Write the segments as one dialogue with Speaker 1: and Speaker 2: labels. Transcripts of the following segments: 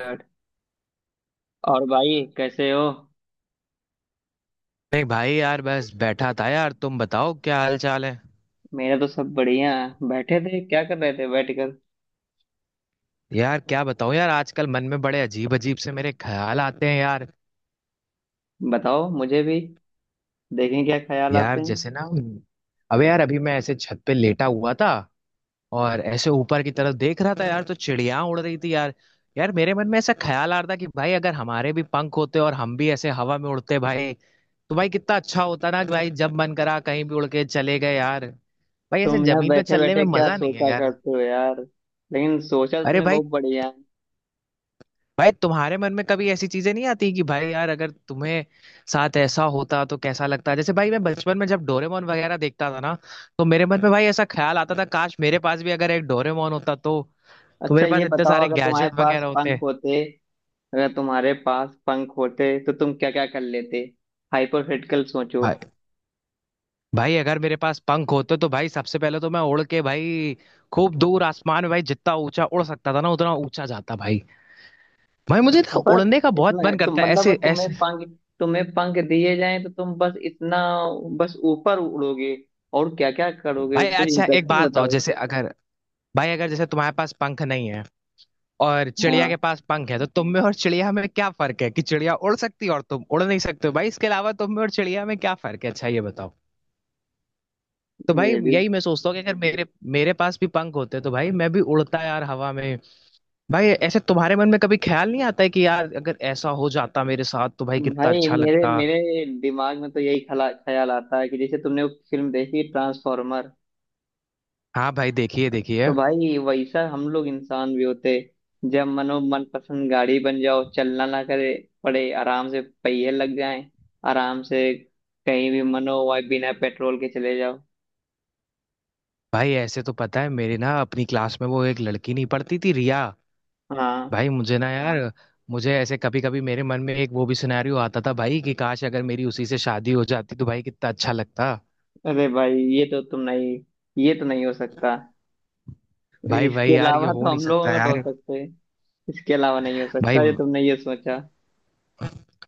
Speaker 1: और और भाई, कैसे हो?
Speaker 2: नहीं भाई, यार बस बैठा था। यार तुम बताओ क्या हाल चाल है।
Speaker 1: मेरा तो सब बढ़िया है। बैठे थे, क्या कर रहे थे बैठकर?
Speaker 2: यार क्या बताऊं यार, आजकल मन में बड़े अजीब अजीब से मेरे ख्याल आते हैं यार।
Speaker 1: बताओ मुझे भी। देखें क्या ख्याल आते
Speaker 2: यार जैसे
Speaker 1: हैं।
Speaker 2: ना, अबे यार अभी मैं ऐसे छत पे लेटा हुआ था और ऐसे ऊपर की तरफ देख रहा था यार, तो चिड़िया उड़ रही थी यार। यार मेरे मन में ऐसा ख्याल आ रहा था कि भाई अगर हमारे भी पंख होते और हम भी ऐसे हवा में उड़ते भाई, तो भाई कितना अच्छा होता ना, कि भाई जब मन करा कहीं भी उड़ के चले गए यार। भाई ऐसे
Speaker 1: तुम यार
Speaker 2: जमीन पे
Speaker 1: बैठे
Speaker 2: चलने में
Speaker 1: बैठे क्या
Speaker 2: मजा नहीं है
Speaker 1: सोचा
Speaker 2: यार।
Speaker 1: करते हो यार। लेकिन सोचा तो
Speaker 2: अरे
Speaker 1: तुमने
Speaker 2: भाई,
Speaker 1: बहुत बढ़िया है।
Speaker 2: भाई तुम्हारे मन में कभी ऐसी चीजें नहीं आती कि भाई यार अगर तुम्हें साथ ऐसा होता तो कैसा लगता। जैसे भाई मैं बचपन में जब डोरेमोन वगैरह देखता था ना, तो मेरे मन में भाई ऐसा ख्याल आता था, काश मेरे पास भी अगर एक डोरेमोन होता तो
Speaker 1: अच्छा,
Speaker 2: मेरे पास
Speaker 1: ये
Speaker 2: इतने
Speaker 1: बताओ,
Speaker 2: सारे
Speaker 1: अगर तुम्हारे
Speaker 2: गैजेट
Speaker 1: पास
Speaker 2: वगैरह होते।
Speaker 1: पंख होते अगर तुम्हारे पास पंख होते तो तुम क्या क्या कर लेते? हाइपोथेटिकल सोचो।
Speaker 2: भाई, भाई अगर मेरे पास पंख होते तो भाई सबसे पहले तो मैं उड़ के भाई खूब दूर आसमान में भाई, जितना ऊंचा उड़ सकता था ना उतना ऊंचा जाता भाई। भाई मुझे तो
Speaker 1: बस
Speaker 2: उड़ने का बहुत
Speaker 1: इतना है?
Speaker 2: मन
Speaker 1: तो
Speaker 2: करता है, ऐसे
Speaker 1: मतलब
Speaker 2: ऐसे।
Speaker 1: तुम्हें पंख दिए जाएं तो तुम बस इतना, बस ऊपर उड़ोगे? और क्या क्या करोगे,
Speaker 2: भाई
Speaker 1: कुछ
Speaker 2: अच्छा एक
Speaker 1: इंटरेस्टिंग
Speaker 2: बात बताओ,
Speaker 1: बताओ।
Speaker 2: जैसे अगर भाई अगर जैसे तुम्हारे पास पंख नहीं है और चिड़िया के
Speaker 1: हाँ,
Speaker 2: पास पंख है, तो तुम में और चिड़िया में क्या फर्क है? कि चिड़िया उड़ सकती है और तुम उड़ नहीं सकते हो भाई। इसके अलावा तुम में और चिड़िया में क्या फर्क है? अच्छा ये बताओ। तो भाई
Speaker 1: ये भी।
Speaker 2: यही मैं सोचता हूँ कि अगर मेरे मेरे पास भी पंख होते तो भाई मैं भी उड़ता यार हवा में। भाई ऐसे तुम्हारे मन में कभी ख्याल नहीं आता है कि यार अगर ऐसा हो जाता मेरे साथ तो भाई कितना
Speaker 1: भाई
Speaker 2: अच्छा
Speaker 1: मेरे
Speaker 2: लगता।
Speaker 1: मेरे दिमाग में तो यही खला ख्याल आता है कि जैसे तुमने वो फिल्म देखी, ट्रांसफॉर्मर।
Speaker 2: हाँ भाई, देखिए देखिए।
Speaker 1: तो भाई वैसा हम लोग इंसान भी होते। जब मनो, मन पसंद गाड़ी बन जाओ, चलना ना करे पड़े, आराम से पहिए लग जाएं, आराम से कहीं भी मनो, वह बिना पेट्रोल के चले जाओ।
Speaker 2: भाई ऐसे तो पता है, मेरे ना अपनी क्लास में वो एक लड़की नहीं पढ़ती थी, रिया।
Speaker 1: हाँ।
Speaker 2: भाई मुझे ना यार, मुझे ऐसे कभी कभी मेरे मन में एक वो भी सिनेरियो आता था भाई, कि काश अगर मेरी उसी से शादी हो जाती तो भाई कितना अच्छा लगता।
Speaker 1: अरे भाई, ये तो तुम नहीं, ये तो नहीं हो सकता।
Speaker 2: भाई भाई
Speaker 1: इसके
Speaker 2: यार ये
Speaker 1: अलावा तो
Speaker 2: हो नहीं
Speaker 1: हम लोग
Speaker 2: सकता
Speaker 1: अगर हो
Speaker 2: यार।
Speaker 1: सकते हैं। इसके अलावा नहीं हो
Speaker 2: भाई,
Speaker 1: सकता? ये तुमने ये सोचा।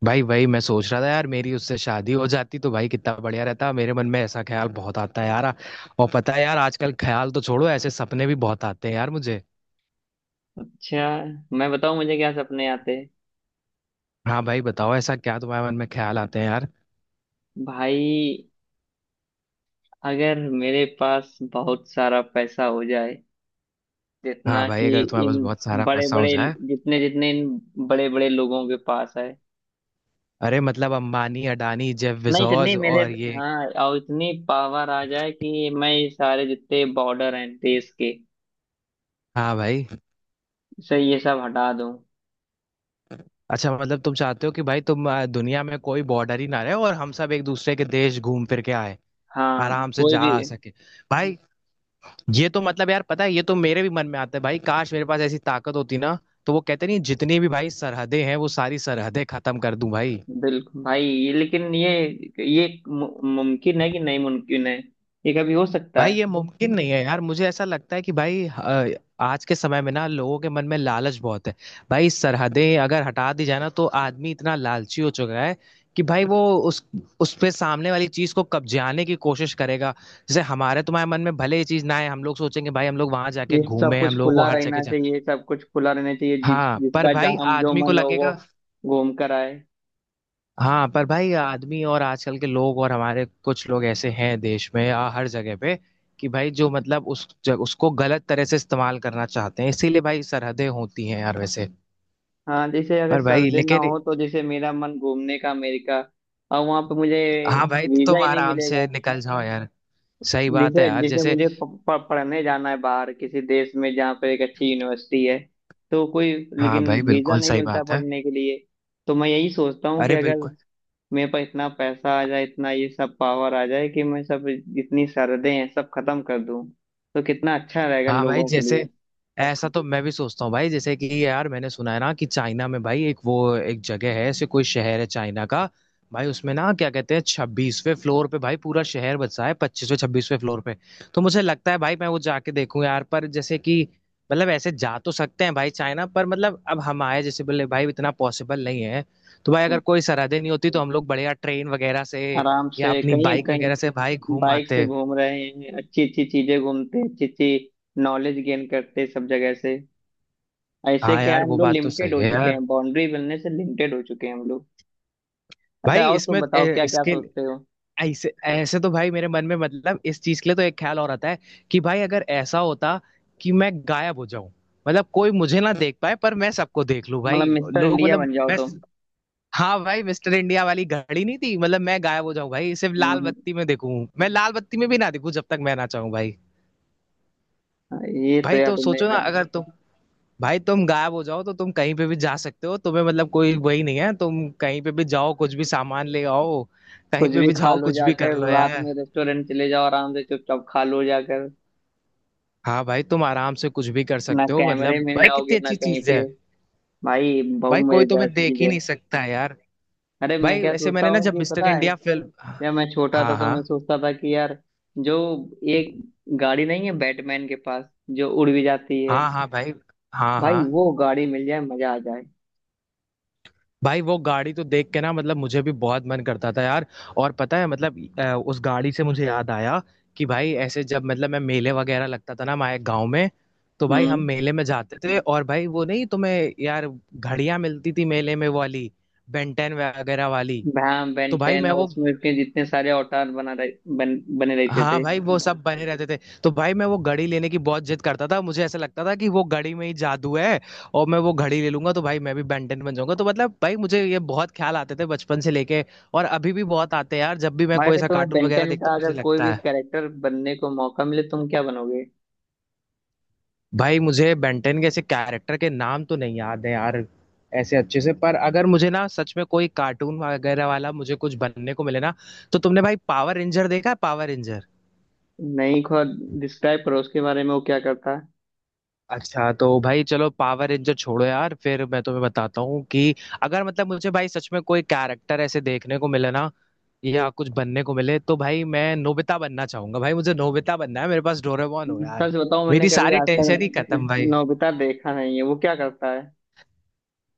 Speaker 2: भाई भाई मैं सोच रहा था यार, मेरी उससे शादी हो जाती तो भाई कितना बढ़िया रहता। मेरे मन में ऐसा ख्याल बहुत आता है यार। और पता है यार, आजकल ख्याल तो छोड़ो, ऐसे सपने भी बहुत आते हैं यार मुझे।
Speaker 1: अच्छा, मैं बताऊं मुझे क्या सपने आते हैं?
Speaker 2: हाँ भाई बताओ, ऐसा क्या तुम्हारे मन में ख्याल आते हैं यार।
Speaker 1: भाई, अगर मेरे पास बहुत सारा पैसा हो जाए,
Speaker 2: हाँ
Speaker 1: जितना
Speaker 2: भाई,
Speaker 1: कि
Speaker 2: अगर तुम्हारे पास
Speaker 1: इन
Speaker 2: बहुत सारा
Speaker 1: बड़े
Speaker 2: पैसा हो
Speaker 1: बड़े,
Speaker 2: जाए।
Speaker 1: जितने जितने इन बड़े बड़े लोगों के पास है।
Speaker 2: अरे मतलब अंबानी, अडानी, जेफ
Speaker 1: नहीं, इतनी
Speaker 2: बेजोस,
Speaker 1: मेरे,
Speaker 2: और ये।
Speaker 1: हाँ, और इतनी पावर आ जाए कि मैं ये सारे जितने बॉर्डर हैं देश के,
Speaker 2: हाँ भाई।
Speaker 1: से ये सब हटा दूं।
Speaker 2: अच्छा मतलब तुम चाहते हो कि भाई तुम दुनिया में कोई बॉर्डर ही ना रहे और हम सब एक दूसरे के देश घूम फिर के आए,
Speaker 1: हाँ,
Speaker 2: आराम से
Speaker 1: कोई
Speaker 2: जा
Speaker 1: भी।
Speaker 2: आ सके। भाई, ये तो मतलब यार पता है, ये तो मेरे भी मन में आता है भाई, काश मेरे पास ऐसी ताकत होती ना, तो वो कहते नहीं जितनी भी भाई सरहदें हैं वो सारी सरहदें खत्म कर दूं भाई।
Speaker 1: बिल्कुल भाई, ये लेकिन ये, ये मु- मुमकिन है कि नहीं? मुमकिन है? ये कभी हो सकता
Speaker 2: भाई
Speaker 1: है?
Speaker 2: ये मुमकिन नहीं है यार, मुझे ऐसा लगता है कि भाई, आज के समय में ना लोगों के मन में लालच बहुत है। भाई सरहदें अगर हटा दी जाए ना, तो आदमी इतना लालची हो चुका है कि भाई वो उस उस पे सामने वाली चीज को कब्जाने की कोशिश करेगा। जैसे हमारे तुम्हारे मन में भले ये चीज ना आए, हम लोग सोचेंगे भाई हम लोग वहां जाके
Speaker 1: ये सब
Speaker 2: घूमे,
Speaker 1: कुछ
Speaker 2: हम लोगों को
Speaker 1: खुला
Speaker 2: हर जगह
Speaker 1: रहना
Speaker 2: जा।
Speaker 1: चाहिए, सब कुछ खुला रहना चाहिए, जिस
Speaker 2: हाँ पर
Speaker 1: जिसका
Speaker 2: भाई
Speaker 1: जहाँ जो
Speaker 2: आदमी को
Speaker 1: मन हो वो
Speaker 2: लगेगा
Speaker 1: घूम कर आए।
Speaker 2: हाँ पर भाई आदमी और आजकल के लोग और हमारे कुछ लोग ऐसे हैं देश में या हर जगह पे, कि भाई जो मतलब उसको गलत तरह से इस्तेमाल करना चाहते हैं, इसीलिए भाई सरहदें होती हैं यार वैसे।
Speaker 1: हाँ, जैसे अगर
Speaker 2: पर भाई
Speaker 1: सर्दी ना
Speaker 2: लेकिन,
Speaker 1: हो, तो जैसे मेरा मन घूमने का अमेरिका, और वहां पे मुझे
Speaker 2: हाँ भाई तो
Speaker 1: वीजा
Speaker 2: तुम
Speaker 1: ही नहीं
Speaker 2: आराम
Speaker 1: मिलेगा।
Speaker 2: से निकल जाओ यार। सही बात है
Speaker 1: जैसे
Speaker 2: यार
Speaker 1: जैसे
Speaker 2: जैसे।
Speaker 1: मुझे प, प, पढ़ने जाना है बाहर किसी देश में जहाँ पर एक अच्छी यूनिवर्सिटी है, तो कोई
Speaker 2: हाँ
Speaker 1: लेकिन
Speaker 2: भाई
Speaker 1: वीजा
Speaker 2: बिल्कुल
Speaker 1: नहीं
Speaker 2: सही
Speaker 1: मिलता
Speaker 2: बात है।
Speaker 1: पढ़ने के लिए। तो मैं यही सोचता हूँ कि
Speaker 2: अरे
Speaker 1: अगर
Speaker 2: बिल्कुल।
Speaker 1: मेरे पास इतना पैसा आ जाए, इतना ये सब पावर आ जाए कि मैं सब, जितनी सरहदें हैं सब खत्म कर दूं, तो कितना अच्छा रहेगा
Speaker 2: हाँ भाई
Speaker 1: लोगों के लिए।
Speaker 2: जैसे, ऐसा तो मैं भी सोचता हूँ भाई जैसे कि, यार मैंने सुना है ना कि चाइना में भाई एक वो एक जगह है ऐसे, कोई शहर है चाइना का। भाई उसमें ना क्या कहते हैं, छब्बीसवें फ्लोर पे भाई पूरा शहर बसा है, पच्चीसवें छब्बीसवें फ्लोर पे। तो मुझे लगता है भाई मैं वो जाके देखूं यार, पर जैसे कि मतलब ऐसे जा तो सकते हैं भाई चाइना, पर मतलब अब हम आए जैसे बोले भाई, इतना पॉसिबल नहीं है। तो भाई
Speaker 1: हम्म,
Speaker 2: अगर कोई सरहदें नहीं होती तो हम लोग बढ़िया ट्रेन वगैरह से
Speaker 1: आराम से
Speaker 2: या अपनी
Speaker 1: कहीं
Speaker 2: बाइक वगैरह से भाई
Speaker 1: कहीं
Speaker 2: घूम
Speaker 1: बाइक से
Speaker 2: आते।
Speaker 1: घूम रहे हैं, अच्छी अच्छी चीजें घूमते, अच्छी अच्छी नॉलेज गेन करते सब जगह से। ऐसे
Speaker 2: हाँ
Speaker 1: क्या है,
Speaker 2: यार
Speaker 1: हम
Speaker 2: वो
Speaker 1: लोग
Speaker 2: बात तो
Speaker 1: लिमिटेड
Speaker 2: सही
Speaker 1: हो
Speaker 2: है
Speaker 1: चुके
Speaker 2: यार।
Speaker 1: हैं, बाउंड्री मिलने से लिमिटेड हो चुके हैं हम लोग। अच्छा,
Speaker 2: भाई
Speaker 1: आओ तुम
Speaker 2: इसमें
Speaker 1: बताओ क्या क्या
Speaker 2: इसके
Speaker 1: सोचते हो।
Speaker 2: ऐसे ऐसे तो भाई मेरे मन में मतलब इस चीज के लिए तो एक ख्याल और आता है, कि भाई अगर ऐसा होता कि मैं गायब हो जाऊं, मतलब कोई मुझे ना देख पाए पर मैं सबको देख लूं
Speaker 1: मतलब
Speaker 2: भाई,
Speaker 1: मिस्टर
Speaker 2: लोग
Speaker 1: इंडिया
Speaker 2: मतलब
Speaker 1: बन जाओ
Speaker 2: मैं।
Speaker 1: तुम?
Speaker 2: हाँ भाई, मिस्टर इंडिया वाली घड़ी नहीं थी, मतलब मैं गायब हो जाऊं भाई, सिर्फ लाल
Speaker 1: हम्म।
Speaker 2: बत्ती में देखूं, मैं लाल बत्ती में भी ना देखूं जब तक मैं ना चाहूं भाई।
Speaker 1: हम्म। ये तो
Speaker 2: भाई
Speaker 1: यार,
Speaker 2: तो
Speaker 1: तुमने
Speaker 2: सोचो ना,
Speaker 1: यार,
Speaker 2: अगर तुम भाई तुम गायब हो जाओ तो तुम कहीं पे भी जा सकते हो, तुम्हें मतलब कोई वही नहीं है, तुम कहीं पे भी जाओ कुछ भी सामान ले आओ, कहीं
Speaker 1: कुछ
Speaker 2: पे
Speaker 1: भी
Speaker 2: भी
Speaker 1: खा
Speaker 2: जाओ
Speaker 1: लो
Speaker 2: कुछ भी कर
Speaker 1: जाकर,
Speaker 2: लो
Speaker 1: रात
Speaker 2: यार।
Speaker 1: में रेस्टोरेंट चले जाओ आराम से चुपचाप, खा लो जाकर।
Speaker 2: हाँ भाई तुम आराम से कुछ भी कर
Speaker 1: ना
Speaker 2: सकते हो,
Speaker 1: कैमरे
Speaker 2: मतलब
Speaker 1: में
Speaker 2: भाई
Speaker 1: आओगे,
Speaker 2: कितनी
Speaker 1: ना
Speaker 2: अच्छी
Speaker 1: कहीं
Speaker 2: चीज
Speaker 1: पे।
Speaker 2: है।
Speaker 1: भाई बहुत
Speaker 2: भाई कोई
Speaker 1: मजेदार
Speaker 2: तुम्हें देख
Speaker 1: चीज
Speaker 2: ही
Speaker 1: है।
Speaker 2: नहीं सकता है यार।
Speaker 1: अरे, मैं
Speaker 2: भाई
Speaker 1: क्या
Speaker 2: ऐसे
Speaker 1: सोचता
Speaker 2: मैंने ना
Speaker 1: हूँ
Speaker 2: जब
Speaker 1: कि
Speaker 2: मिस्टर
Speaker 1: पता है,
Speaker 2: इंडिया फिल्म।
Speaker 1: जब मैं छोटा था
Speaker 2: हाँ
Speaker 1: तो
Speaker 2: हाँ।
Speaker 1: मैं सोचता था कि यार, जो एक गाड़ी नहीं है बैटमैन के पास जो उड़ भी जाती है,
Speaker 2: हाँ हाँ भाई। हाँ हाँ।
Speaker 1: भाई वो गाड़ी मिल जाए, मजा आ जाए।
Speaker 2: भाई वो गाड़ी तो देख के ना, मतलब मुझे भी बहुत मन करता था यार। और पता है, मतलब उस गाड़ी से मुझे याद आया कि भाई ऐसे जब मतलब मैं, मेले वगैरह लगता था ना हमारे गाँव में, तो भाई हम
Speaker 1: हम्म।
Speaker 2: मेले में जाते थे। और भाई वो नहीं तुम्हें यार घड़ियां मिलती थी मेले में, वो वाली बेंटेन वगैरह वाली।
Speaker 1: भैम
Speaker 2: तो भाई
Speaker 1: बेंटेन,
Speaker 2: मैं
Speaker 1: और
Speaker 2: वो,
Speaker 1: उसमें के जितने सारे अवतार बना रहे, बने रहते
Speaker 2: हाँ
Speaker 1: थे।
Speaker 2: भाई वो सब बने रहते थे। तो भाई मैं वो घड़ी लेने की बहुत जिद करता था, मुझे ऐसा लगता था कि वो घड़ी में ही जादू है, और मैं वो घड़ी ले लूंगा तो भाई मैं भी बेंटन बन जाऊंगा। तो मतलब भाई मुझे ये बहुत ख्याल आते थे बचपन से लेके, और अभी भी बहुत आते हैं यार, जब भी मैं
Speaker 1: भाई,
Speaker 2: कोई
Speaker 1: अगर
Speaker 2: ऐसा
Speaker 1: तुम्हें
Speaker 2: कार्टून वगैरह
Speaker 1: बेंटेन
Speaker 2: देखता
Speaker 1: का,
Speaker 2: हूँ
Speaker 1: अगर
Speaker 2: मुझे
Speaker 1: कोई
Speaker 2: लगता
Speaker 1: भी
Speaker 2: है।
Speaker 1: कैरेक्टर बनने को मौका मिले, तुम क्या बनोगे?
Speaker 2: भाई मुझे बेंटन के ऐसे कैरेक्टर के नाम तो नहीं याद है यार ऐसे अच्छे से, पर अगर मुझे ना सच में कोई कार्टून वगैरह वाला, मुझे कुछ बनने को मिले ना, तो तुमने भाई पावर रेंजर देखा है, पावर रेंजर।
Speaker 1: नहीं, खुद डिस्क्राइब करो उसके बारे में, वो क्या करता है?
Speaker 2: अच्छा तो भाई चलो पावर रेंजर छोड़ो यार, फिर मैं तुम्हें बताता हूँ कि अगर मतलब मुझे भाई सच में कोई कैरेक्टर ऐसे देखने को मिले ना, या कुछ बनने को मिले, तो भाई मैं नोबिता बनना चाहूंगा। भाई मुझे नोबिता बनना है, मेरे पास डोरेमोन हो यार,
Speaker 1: सच बताऊं, मैंने
Speaker 2: मेरी
Speaker 1: कभी
Speaker 2: सारी
Speaker 1: आज तक
Speaker 2: टेंशन ही खत्म भाई।
Speaker 1: नोबिता देखा नहीं है, वो क्या करता है?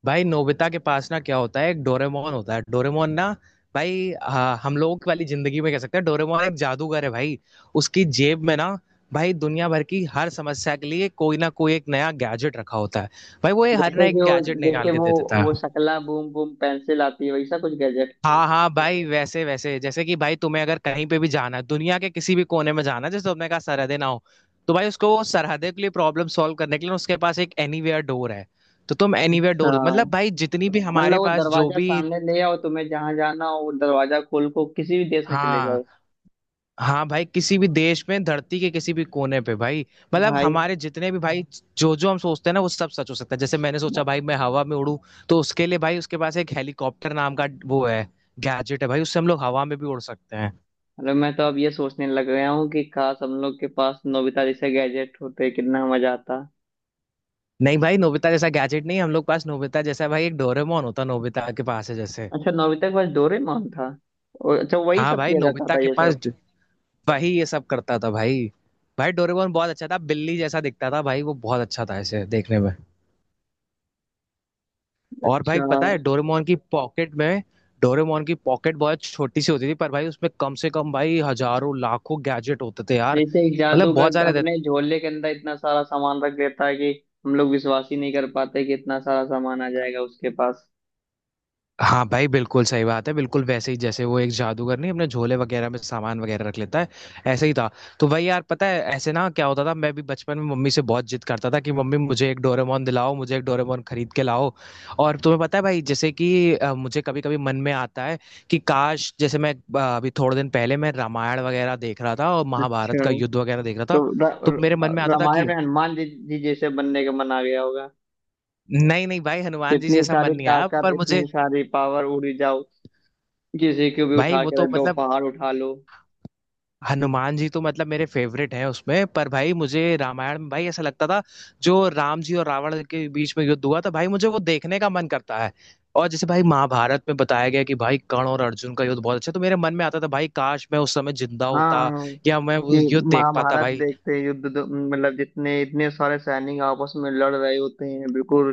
Speaker 2: भाई नोबिता के पास ना क्या होता है, एक डोरेमोन होता है, डोरेमोन ना भाई, हाँ, हम लोगों वाली जिंदगी में कह सकते हैं डोरेमोन एक जादूगर है भाई। उसकी जेब में ना भाई दुनिया भर की हर समस्या के लिए कोई ना कोई एक नया गैजेट रखा होता है, भाई वो ये हर
Speaker 1: जैसे
Speaker 2: नया
Speaker 1: कि
Speaker 2: एक
Speaker 1: वो,
Speaker 2: गैजेट निकाल
Speaker 1: जैसे
Speaker 2: के
Speaker 1: वो
Speaker 2: दे देता
Speaker 1: वो
Speaker 2: है।
Speaker 1: शकला बूम बूम पेंसिल आती है, वैसा कुछ गैजेट।
Speaker 2: हाँ हाँ भाई वैसे वैसे, जैसे कि भाई तुम्हें अगर कहीं पे भी जाना है, दुनिया के किसी भी कोने में जाना है, जैसे तुमने कहा सरहदें ना हो, तो भाई उसको वो सरहदे के लिए प्रॉब्लम सॉल्व करने के लिए उसके पास एक एनीवेयर डोर है। तो तुम एनीवेयर
Speaker 1: अच्छा,
Speaker 2: डोर, मतलब भाई जितनी भी
Speaker 1: मतलब
Speaker 2: हमारे
Speaker 1: वो
Speaker 2: पास जो
Speaker 1: दरवाजा
Speaker 2: भी,
Speaker 1: सामने ले आओ, तुम्हें जहां जाना हो वो दरवाजा खोल को किसी भी देश में चले
Speaker 2: हाँ
Speaker 1: जाओ।
Speaker 2: हाँ भाई किसी भी देश में, धरती के किसी भी कोने पे भाई। मतलब
Speaker 1: भाई,
Speaker 2: हमारे जितने भी भाई जो जो हम सोचते हैं ना वो सब सच हो सकता है। जैसे मैंने सोचा भाई मैं हवा में उड़ूं, तो उसके लिए भाई उसके पास एक हेलीकॉप्टर नाम का वो है, गैजेट है भाई, उससे हम लोग हवा में भी उड़ सकते हैं।
Speaker 1: मतलब मैं तो अब ये सोचने लग गया हूँ कि काश हम लोग के पास नोबिता जैसे गैजेट होते, कितना मजा आता।
Speaker 2: नहीं भाई, नोबिता जैसा गैजेट नहीं, हम लोग पास नोबिता जैसा भाई एक डोरेमोन होता, नोबिता के पास है जैसे।
Speaker 1: अच्छा, नोबिता के पास डोरेमोन था, और अच्छा, वही
Speaker 2: हाँ
Speaker 1: सब
Speaker 2: भाई,
Speaker 1: किया जाता
Speaker 2: नोबिता
Speaker 1: था
Speaker 2: के
Speaker 1: ये
Speaker 2: पास
Speaker 1: सब।
Speaker 2: वही ये सब करता था भाई। भाई डोरेमोन बहुत अच्छा था, बिल्ली जैसा दिखता था भाई, वो बहुत अच्छा था ऐसे देखने में। और
Speaker 1: अच्छा।
Speaker 2: भाई पता है, डोरेमोन की पॉकेट में, डोरेमोन की पॉकेट बहुत छोटी सी होती थी, पर भाई उसमें कम से कम भाई हजारों लाखों गैजेट होते थे यार,
Speaker 1: जैसे एक
Speaker 2: मतलब बहुत
Speaker 1: जादूगर
Speaker 2: सारे थे।
Speaker 1: अपने झोले के अंदर इतना सारा सामान रख देता है कि हम लोग विश्वास ही नहीं कर पाते कि इतना सारा सामान आ जाएगा उसके पास।
Speaker 2: हाँ भाई बिल्कुल सही बात है, बिल्कुल वैसे ही जैसे वो एक जादूगर नहीं अपने झोले वगैरह में सामान वगैरह रख लेता है, ऐसे ही था। तो भाई यार पता है ऐसे ना क्या होता था, मैं भी बचपन में मम्मी से बहुत जिद करता था कि मम्मी मुझे एक डोरेमोन दिलाओ, मुझे एक डोरेमोन खरीद के लाओ। और तुम्हें पता है भाई जैसे कि मुझे कभी कभी मन में आता है कि काश जैसे मैं, अभी थोड़े दिन पहले मैं रामायण वगैरह देख रहा था और महाभारत
Speaker 1: अच्छा,
Speaker 2: का युद्ध वगैरह देख रहा
Speaker 1: तो
Speaker 2: था, तो मेरे मन में आता था
Speaker 1: रामायण
Speaker 2: कि,
Speaker 1: में हनुमान जी जैसे बनने का मन आ गया होगा।
Speaker 2: नहीं नहीं भाई हनुमान जी
Speaker 1: इतनी
Speaker 2: जैसा
Speaker 1: सारी
Speaker 2: मन नहीं आया
Speaker 1: ताकत,
Speaker 2: पर
Speaker 1: इतनी
Speaker 2: मुझे
Speaker 1: सारी पावर, उड़ी जाओ, किसी को भी
Speaker 2: भाई
Speaker 1: उठा
Speaker 2: वो
Speaker 1: के रख
Speaker 2: तो
Speaker 1: दो,
Speaker 2: मतलब,
Speaker 1: पहाड़ उठा लो।
Speaker 2: हनुमान जी तो मतलब मेरे फेवरेट हैं उसमें, पर भाई मुझे रामायण में भाई ऐसा लगता था, जो राम जी और रावण के बीच में युद्ध हुआ था भाई, मुझे वो देखने का मन करता है। और जैसे भाई महाभारत में बताया गया कि भाई कर्ण और अर्जुन का युद्ध बहुत अच्छा, तो मेरे मन में आता था भाई काश मैं उस समय जिंदा होता
Speaker 1: हाँ।
Speaker 2: या मैं वो
Speaker 1: ये
Speaker 2: युद्ध देख पाता
Speaker 1: महाभारत
Speaker 2: भाई।
Speaker 1: देखते हैं, युद्ध मतलब जितने इतने सारे सैनिक आपस में लड़ रहे होते हैं बिल्कुल,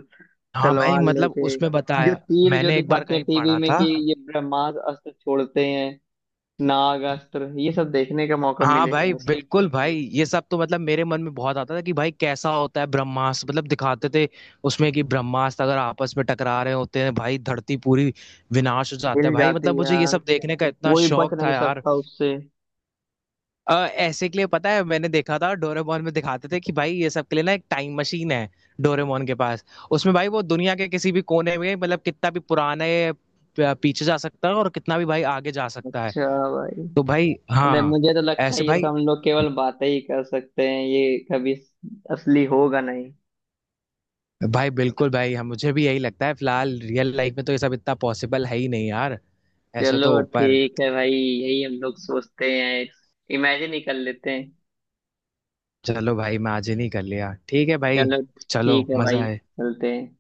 Speaker 2: हाँ भाई
Speaker 1: तलवार
Speaker 2: मतलब
Speaker 1: लेके,
Speaker 2: उसमें
Speaker 1: जो
Speaker 2: बताया,
Speaker 1: तीर जो
Speaker 2: मैंने एक बार
Speaker 1: दिखाते हैं
Speaker 2: कहीं
Speaker 1: टीवी
Speaker 2: पढ़ा
Speaker 1: में
Speaker 2: था।
Speaker 1: कि ये ब्रह्मास्त्र अस्त्र छोड़ते हैं, नाग अस्त्र, ये सब देखने का मौका
Speaker 2: हाँ भाई
Speaker 1: मिलेगा।
Speaker 2: बिल्कुल भाई, ये सब तो मतलब मेरे मन में बहुत आता था कि भाई कैसा होता है ब्रह्मास्त्र, मतलब दिखाते थे उसमें कि ब्रह्मास्त्र अगर आपस में टकरा रहे होते हैं भाई, धरती पूरी विनाश हो जाता है
Speaker 1: हिल
Speaker 2: भाई,
Speaker 1: जाती
Speaker 2: मतलब मुझे
Speaker 1: है,
Speaker 2: ये सब देखने का इतना
Speaker 1: कोई बच
Speaker 2: शौक था
Speaker 1: नहीं
Speaker 2: यार।
Speaker 1: सकता उससे।
Speaker 2: ऐसे के लिए पता है मैंने देखा था डोरेमोन में, दिखाते थे कि भाई ये सब के लिए ना एक टाइम मशीन है डोरेमोन के पास, उसमें भाई वो दुनिया के किसी भी कोने में मतलब कितना भी पुराने पीछे जा सकता है और कितना भी भाई आगे जा सकता है।
Speaker 1: अच्छा, भाई,
Speaker 2: तो भाई हाँ,
Speaker 1: अरे मुझे तो लगता है
Speaker 2: ऐसे
Speaker 1: ये सब
Speaker 2: भाई।
Speaker 1: हम लोग केवल बातें ही कर सकते हैं, ये कभी असली होगा नहीं।
Speaker 2: भाई बिल्कुल भाई हम, मुझे भी यही लगता है, फिलहाल रियल लाइफ में तो ये सब इतना पॉसिबल है ही नहीं यार, ऐसे तो
Speaker 1: चलो
Speaker 2: ऊपर।
Speaker 1: ठीक है भाई, यही हम लोग सोचते हैं, इमेजिन ही कर लेते हैं।
Speaker 2: चलो भाई मैं आज ही नहीं कर लिया, ठीक है भाई।
Speaker 1: चलो,
Speaker 2: चलो,
Speaker 1: ठीक है
Speaker 2: मजा
Speaker 1: भाई,
Speaker 2: आया।
Speaker 1: चलते हैं।